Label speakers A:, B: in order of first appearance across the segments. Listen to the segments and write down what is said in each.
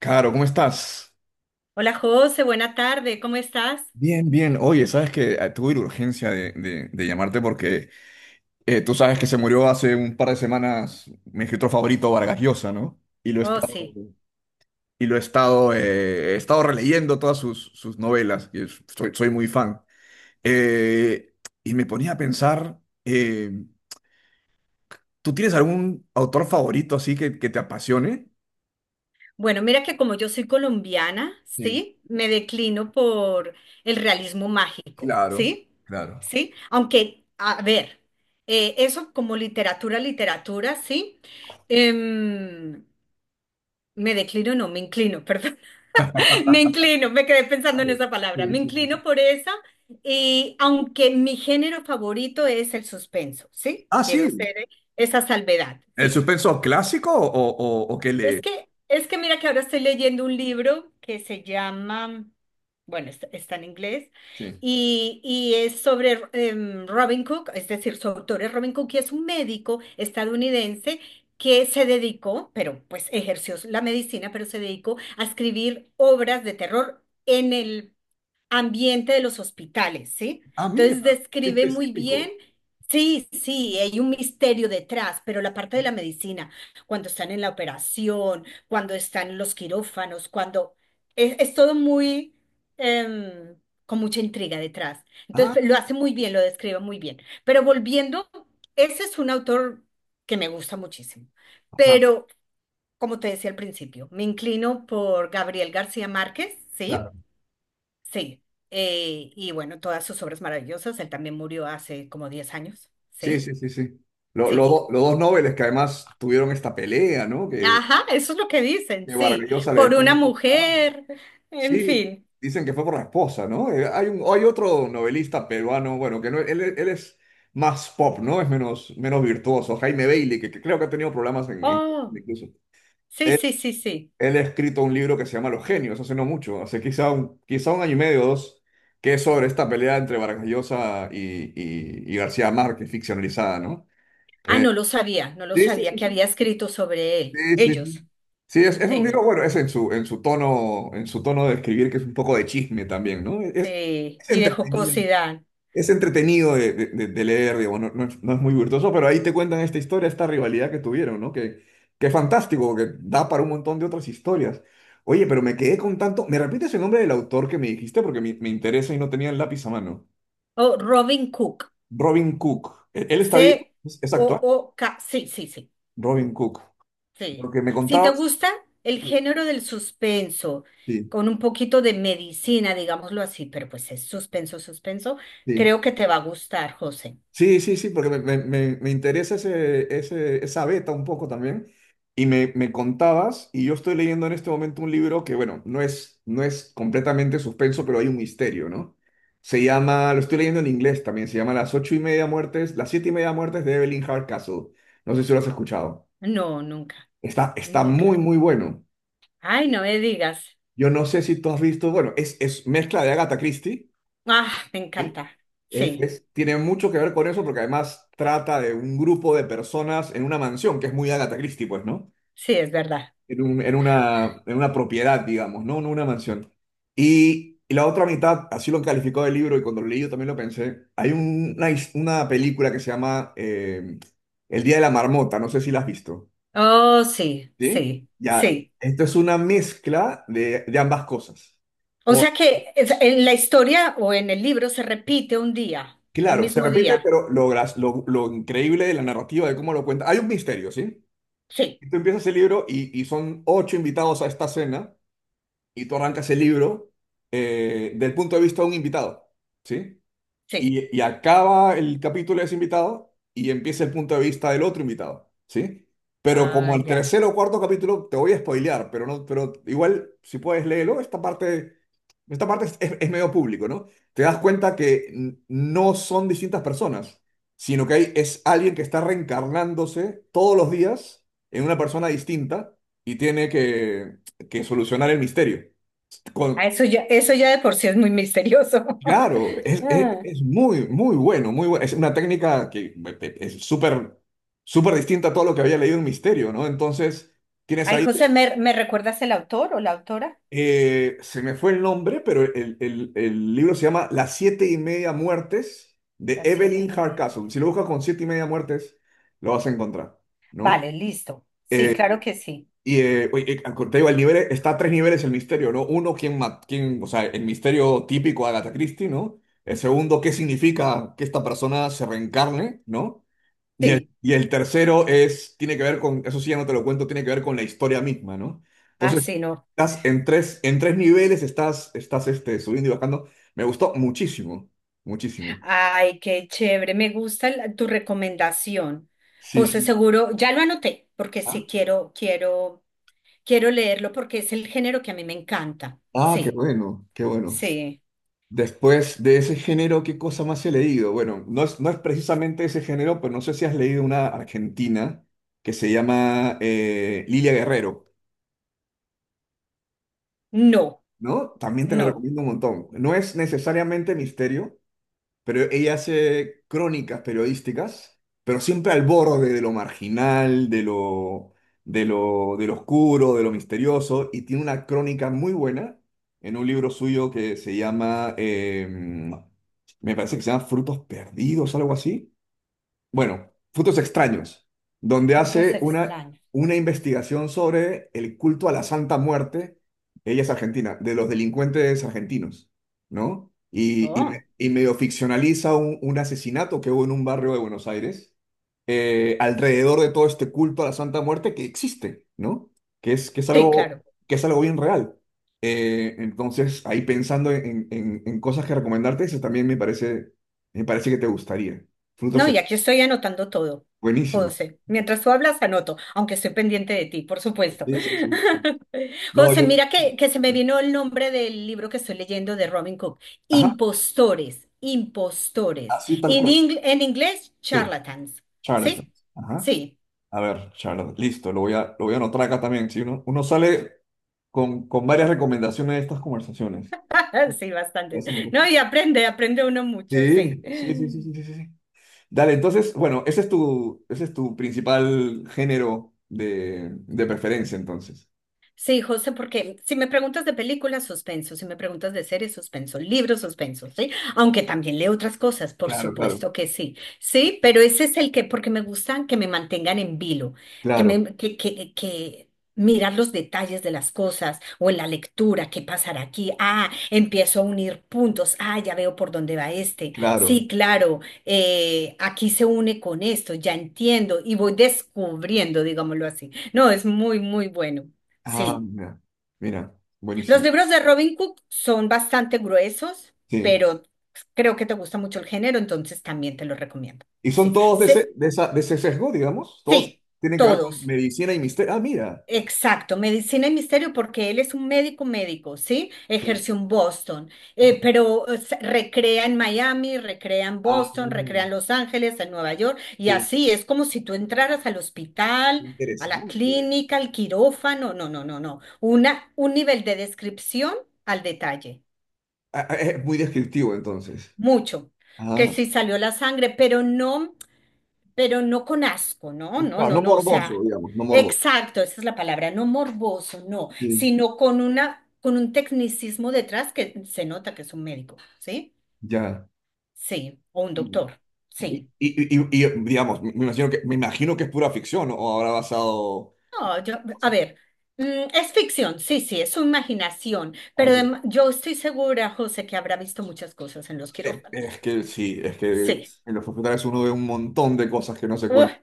A: Caro, ¿cómo estás?
B: Hola José, buena tarde, ¿cómo estás?
A: Bien, bien. Oye, sabes que tuve la urgencia de, de llamarte porque tú sabes que se murió hace un par de semanas mi escritor favorito, Vargas Llosa, ¿no?
B: Oh, sí.
A: Y lo he estado releyendo todas sus, sus novelas, y soy, soy muy fan. Eh, y me ponía a pensar, ¿tú tienes algún autor favorito así que te apasione?
B: Bueno, mira que como yo soy colombiana,
A: Sí,
B: ¿sí? Me declino por el realismo mágico,
A: claro,
B: ¿sí?
A: claro.
B: ¿Sí? Aunque, a ver, eso como literatura, literatura, ¿sí? Em, me declino, no, me inclino, perdón. Me inclino, me quedé pensando en
A: Claro.
B: esa palabra.
A: Sí,
B: Me
A: sí, sí,
B: inclino
A: sí.
B: por esa y aunque mi género favorito es el suspenso, ¿sí?
A: Ah,
B: Quiero
A: sí.
B: ser esa salvedad,
A: ¿El
B: sí.
A: suspenso clásico o qué
B: Es
A: le...?
B: que, es que mira que ahora estoy leyendo un libro que se llama, bueno, está en inglés,
A: Sí.
B: y es sobre Robin Cook, es decir, su autor es Robin Cook, y es un médico estadounidense que se dedicó, pero pues ejerció la medicina, pero se dedicó a escribir obras de terror. En el ambiente de los hospitales, ¿sí?
A: Ah, mira,
B: Entonces
A: qué
B: describe muy bien,
A: específico.
B: sí, sí, hay un misterio detrás, pero la parte de la medicina, cuando están en la operación, cuando están en los quirófanos, cuando es todo muy, em, con mucha intriga detrás.
A: Ah,
B: Entonces lo hace muy bien, lo describe muy bien. Pero volviendo, ese es un autor que me gusta muchísimo,
A: ajá,
B: pero como te decía al principio, me inclino por Gabriel García Márquez,
A: claro.
B: ¿sí? Sí, y bueno, todas sus obras maravillosas. Él también murió hace como 10 años,
A: Sí,
B: ¿sí?
A: sí, sí, sí. Lo- lo
B: Sí.
A: do- los dos Nobeles que además tuvieron esta pelea, ¿no? Que,
B: Ajá, eso es lo que dicen,
A: que Vargas
B: sí.
A: Llosa le
B: Por
A: dejó el
B: una
A: ojo morado.
B: mujer, en
A: Sí,
B: fin.
A: dicen que fue por la esposa, ¿no? Hay otro novelista peruano, bueno, que no, él es más pop, ¿no? Es menos, menos virtuoso, Jaime Bailey, que creo que ha tenido problemas en Colombia
B: Oh,
A: incluso.
B: sí, sí, sí, sí.
A: Él ha escrito un libro que se llama Los Genios, hace no mucho, hace quizá un año y medio o dos, que es sobre esta pelea entre Vargas Llosa y, y García Márquez, ficcionalizada, ¿no?
B: Ah,
A: Eh,
B: no lo sabía, no lo
A: sí, sí,
B: sabía
A: sí,
B: que
A: sí.
B: había escrito sobre él.
A: Sí, sí,
B: Ellos,
A: sí. Sí, es un
B: sí,
A: libro, bueno, es en su tono de escribir, que es un poco de chisme también, ¿no?
B: sí.
A: Es
B: Y de
A: entretenido,
B: jocosidad.
A: es entretenido de, de leer, digo, no, no es, no es muy virtuoso, pero ahí te cuentan esta historia, esta rivalidad que tuvieron, ¿no? Que es fantástico, que da para un montón de otras historias. Oye, pero me quedé con tanto. ¿Me repites el nombre del autor que me dijiste? Porque me interesa y no tenía el lápiz a mano.
B: Oh, Robin Cook,
A: Robin Cook. ¿Él está vivo? Es actual?
B: C-O-O-K, sí, sí, sí.
A: Robin Cook.
B: Sí.
A: Porque me
B: Si te
A: contabas.
B: gusta el
A: Sí,
B: género del suspenso,
A: sí.
B: con un poquito de medicina, digámoslo así, pero pues es suspenso, suspenso,
A: Sí.
B: creo que te va a gustar, José.
A: Sí, sí, sí, porque me, me interesa ese, esa beta un poco también. Y me contabas, y yo estoy leyendo en este momento un libro que, bueno, no es, no es completamente suspenso, pero hay un misterio, ¿no? Se llama, lo estoy leyendo en inglés también, se llama Las siete y media muertes de Evelyn Hardcastle. No sé si lo has escuchado.
B: No, nunca,
A: Está, está muy,
B: nunca.
A: muy bueno.
B: Ay, no me digas.
A: Yo no sé si tú has visto, bueno, es mezcla de Agatha Christie.
B: Ah, me
A: Sí.
B: encanta. Sí,
A: Tiene mucho que ver con eso porque además trata de un grupo de personas en una mansión, que es muy Agatha Christie, pues, ¿no?
B: sí, es verdad.
A: En en una propiedad, digamos, ¿no? En una mansión. Y la otra mitad, así lo calificó del libro y cuando lo leí yo también lo pensé, hay una película que se llama El Día de la Marmota, no sé si la has visto,
B: Oh, sí,
A: ¿sí?
B: sí,
A: Ya,
B: sí.
A: esto es una mezcla de ambas cosas.
B: O sea que en la historia o en el libro se repite un día, el
A: Claro, se
B: mismo
A: repite,
B: día.
A: pero lo increíble de la narrativa, de cómo lo cuenta. Hay un misterio, ¿sí?
B: Sí,
A: Y tú empiezas el libro y son ocho invitados a esta cena y tú arrancas el libro del punto de vista de un invitado, ¿sí?
B: sí.
A: Y acaba el capítulo de ese invitado y empieza el punto de vista del otro invitado, ¿sí? Pero
B: Ah,
A: como el
B: ya.
A: tercer o cuarto capítulo, te voy a spoilear, pero, no, pero igual, si puedes léelo, esta parte es, es medio público, ¿no? Te das cuenta que no son distintas personas, sino que hay, es alguien que está reencarnándose todos los días en una persona distinta y tiene que solucionar el misterio.
B: Ah, eso ya, eso ya de por sí es muy misterioso.
A: Claro, es,
B: Ah.
A: es muy, muy bueno, muy bueno. Es una técnica que es súper, súper distinta a todo lo que había leído en Misterio, ¿no? Entonces, tienes
B: Ay,
A: ahí,
B: José, ¿me recuerdas el autor o la autora?
A: se me fue el nombre, pero el, el libro se llama Las siete y media muertes de
B: Las siete
A: Evelyn
B: y media.
A: Hardcastle. Si lo buscas con siete y media muertes, lo vas a encontrar, ¿no?
B: Vale, listo. Sí,
A: Eh,
B: claro que sí.
A: Y oye, te digo, el nivel está a tres niveles el misterio, ¿no? Uno, ¿quién, quién, o sea, el misterio típico de Agatha Christie, ¿no? El segundo, ¿qué significa que esta persona se reencarne?, ¿no?
B: Sí,
A: Y el tercero es, tiene que ver con, eso sí ya no te lo cuento, tiene que ver con la historia misma, ¿no? Entonces,
B: así no.
A: estás en tres niveles, estás, estás este, subiendo y bajando. Me gustó muchísimo, muchísimo.
B: Ay, qué chévere. Me gusta tu recomendación.
A: Sí,
B: José,
A: sí.
B: seguro, ya lo anoté, porque sí
A: Ah,
B: quiero leerlo porque es el género que a mí me encanta.
A: ah, qué
B: Sí,
A: bueno, qué bueno.
B: sí.
A: Después de ese género, ¿qué cosa más he leído? Bueno, no es, no es precisamente ese género, pero no sé si has leído una argentina que se llama Lilia Guerrero,
B: No,
A: ¿no? También te la
B: no.
A: recomiendo un montón. No es necesariamente misterio, pero ella hace crónicas periodísticas, pero siempre al borde de lo marginal, de lo, de lo, de lo oscuro, de lo misterioso, y tiene una crónica muy buena en un libro suyo que se llama, me parece que se llama Frutos Perdidos, algo así, bueno, Frutos Extraños, donde
B: Frutos
A: hace
B: extraños.
A: una investigación sobre el culto a la Santa Muerte, ella es argentina, de los delincuentes argentinos, ¿no? Y,
B: Oh,
A: y medio ficcionaliza un asesinato que hubo en un barrio de Buenos Aires, alrededor de todo este culto a la Santa Muerte que existe, ¿no? Que es, que es
B: sí,
A: algo,
B: claro.
A: que es algo bien real. Entonces, ahí pensando en, en cosas que recomendarte, eso también me parece que te gustaría.
B: No,
A: Frutos.
B: y aquí estoy anotando todo,
A: Buenísimo.
B: José. Mientras tú hablas, anoto, aunque estoy pendiente de ti, por supuesto.
A: Sí, sí, sí, sí. No,
B: José,
A: yo.
B: mira que se me vino el nombre del libro que estoy leyendo de Robin Cook.
A: Ajá,
B: Impostores, impostores.
A: así tal cual.
B: En inglés,
A: Sí,
B: charlatans.
A: Charlotte.
B: ¿Sí?
A: Ajá.
B: Sí.
A: A ver, Charlotte, listo, lo voy a anotar acá también. Si uno, uno sale con varias recomendaciones de estas conversaciones.
B: Sí, bastante.
A: Eso me gusta.
B: No, y aprende uno mucho, sí.
A: Sí, sí, sí, sí, sí, sí, sí, sí. Dale, entonces, bueno, ese es tu principal género de preferencia, entonces.
B: Sí, José, porque si me preguntas de películas, suspenso, si me preguntas de series, suspenso, libros, suspenso, ¿sí? Aunque también leo otras cosas, por
A: Claro, claro,
B: supuesto que sí, sí, pero ese es el que, porque me gustan que me mantengan en vilo, que
A: claro,
B: me, que mirar los detalles de las cosas o en la lectura, qué pasará aquí, ah, empiezo a unir puntos, ah, ya veo por dónde va este,
A: claro.
B: sí, claro, aquí se une con esto, ya entiendo y voy descubriendo, digámoslo así. No, es muy, muy bueno.
A: Ah,
B: Sí.
A: mira, mira,
B: Los
A: buenísimo.
B: libros de Robin Cook son bastante gruesos,
A: Sí.
B: pero creo que te gusta mucho el género, entonces también te los recomiendo.
A: Y son
B: Sí.
A: todos de
B: Sí,
A: ese, de esa, de ese sesgo, digamos. Todos
B: sí,
A: tienen que ver con
B: todos.
A: medicina y misterio. Ah, mira.
B: Exacto, medicina y misterio, porque él es un médico médico, ¿sí?
A: Sí.
B: Ejerció en Boston,
A: Ah,
B: pero recrea en Miami, recrea en
A: ah,
B: Boston, recrea en Los Ángeles, en Nueva York, y
A: sí.
B: así es como si tú entraras al hospital, a la
A: Interesante.
B: clínica, al quirófano, no, no, no, no. Un nivel de descripción al detalle.
A: Ah, ah, es muy descriptivo, entonces.
B: Mucho, que
A: Ah,
B: sí salió la sangre, pero no con asco, no, no,
A: claro,
B: no,
A: no
B: no, o
A: morboso,
B: sea,
A: digamos, no morboso.
B: exacto, esa es la palabra, no morboso, no,
A: Sí.
B: sino con un tecnicismo detrás que se nota que es un médico, ¿sí?
A: Ya.
B: Sí, o un doctor,
A: Y,
B: sí.
A: y, y, digamos, me imagino que es pura ficción, ¿no? O habrá basado.
B: No, a
A: Cosas.
B: ver, es ficción, sí, sí, es su imaginación, pero
A: Algo.
B: yo estoy segura, José, que habrá visto muchas cosas en los quirófanos.
A: Es que sí, es que
B: Sí.
A: en los hospitales uno ve un montón de cosas que no se cuentan.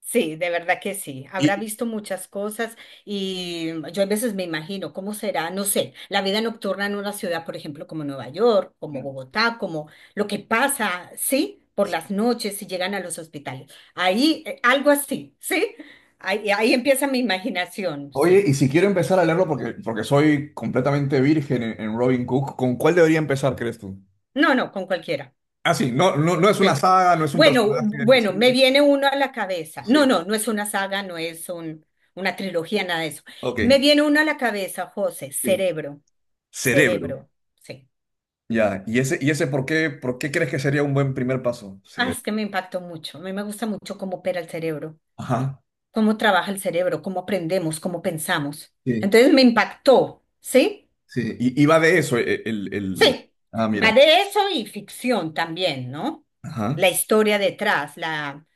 B: Sí, de verdad que sí. Habrá
A: Y,
B: visto muchas cosas y yo a veces me imagino cómo será, no sé, la vida nocturna en una ciudad, por ejemplo, como Nueva York, como Bogotá, como lo que pasa, ¿sí? Por las noches si llegan a los hospitales. Ahí, algo así, ¿sí? Ahí empieza mi imaginación,
A: oye,
B: sí.
A: y si quiero empezar a leerlo porque, porque soy completamente virgen en Robin Cook, ¿con cuál debería empezar, crees tú?
B: No, no, con cualquiera.
A: Ah, sí, no, no, no es una
B: Sí.
A: saga, no es un
B: Bueno,
A: personaje del que.
B: bueno,
A: Sí,
B: me viene uno a la cabeza. No,
A: sí.
B: no, no es una saga, no es una trilogía, nada de eso. Me
A: Ok,
B: viene uno a la cabeza, José,
A: sí.
B: Cerebro.
A: Cerebro.
B: Cerebro, sí.
A: Ya, y ese por qué crees que sería un buen primer paso?
B: Ah,
A: Cerebro.
B: es que me impactó mucho. A mí me gusta mucho cómo opera el cerebro,
A: Ajá.
B: cómo trabaja el cerebro, cómo aprendemos, cómo pensamos.
A: Sí,
B: Entonces me impactó, ¿sí?
A: sí. Y va de eso,
B: Sí.
A: el... Ah,
B: Va
A: mira.
B: de eso y ficción también, ¿no?
A: Ajá.
B: La historia detrás, la,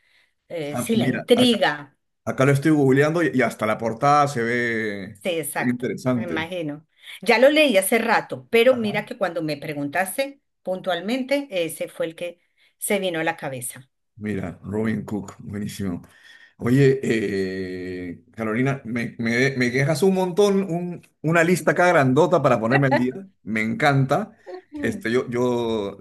B: eh,
A: Ah,
B: sí, la
A: mira, acá,
B: intriga.
A: acá lo estoy googleando y hasta la portada se ve,
B: Sí,
A: se ve
B: exacto, me
A: interesante.
B: imagino. Ya lo leí hace rato, pero mira que cuando me preguntaste puntualmente, ese fue el que se vino a la cabeza.
A: Mira, Robin Cook, buenísimo. Oye, Carolina, me dejas un montón, una lista acá grandota para ponerme al día. Me encanta.
B: Mm.
A: Este, yo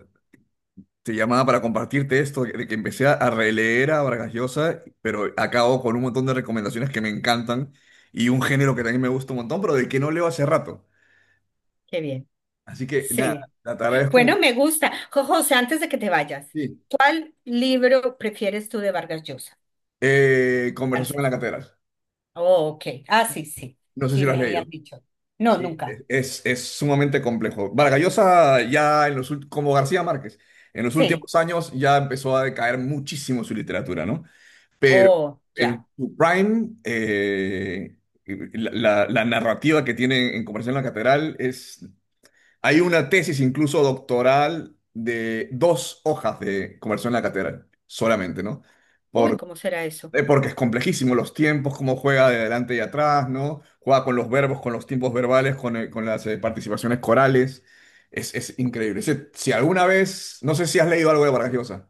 A: te llamaba para compartirte esto, de que empecé a releer a Vargas Llosa, pero acabo con un montón de recomendaciones que me encantan y un género que también me gusta un montón, pero del que no leo hace rato.
B: Qué bien.
A: Así que nada,
B: Sí.
A: te agradezco.
B: Bueno, me gusta. José, antes de que te vayas,
A: Sí.
B: ¿cuál libro prefieres tú de Vargas Llosa?
A: Conversación en
B: Avance.
A: la catedral.
B: Oh, ok. Ah, sí, sí.
A: No sé si
B: Sí,
A: lo has
B: me habían
A: leído.
B: dicho. No,
A: Sí,
B: nunca.
A: es sumamente complejo. Vargallosa ya en los como García Márquez, en los
B: Sí.
A: últimos años ya empezó a decaer muchísimo su literatura, ¿no? Pero
B: Oh,
A: en
B: ya.
A: su prime, la, la narrativa que tiene en Conversación en la Catedral es... Hay una tesis incluso doctoral de dos hojas de Conversación en la Catedral, solamente, ¿no?
B: Uy, ¿cómo será eso?
A: Porque es complejísimo los tiempos, cómo juega de adelante y atrás, ¿no? Juega con los verbos, con los tiempos verbales, con las participaciones corales. Es increíble. Ese, si alguna vez, no sé si has leído algo de Vargas Llosa.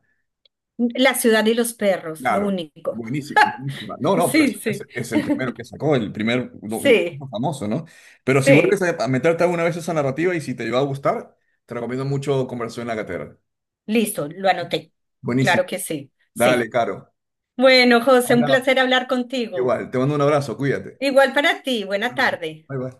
B: La ciudad y los perros, lo
A: Claro,
B: único.
A: buenísimo, buenísima. No, no, pero
B: Sí,
A: es,
B: sí.
A: es el primero que sacó, el el
B: Sí,
A: famoso, ¿no? Pero si vuelves
B: sí.
A: a meterte alguna vez a esa narrativa y si te va a gustar, te recomiendo mucho Conversación en la Catedral.
B: Listo, lo anoté.
A: Buenísimo.
B: Claro que sí,
A: Dale,
B: sí.
A: Caro.
B: Bueno, José, un placer
A: Hablamos.
B: hablar contigo.
A: Igual, te mando un abrazo, cuídate.
B: Igual para ti. Buena
A: Bye bye.
B: tarde.
A: Bye bye.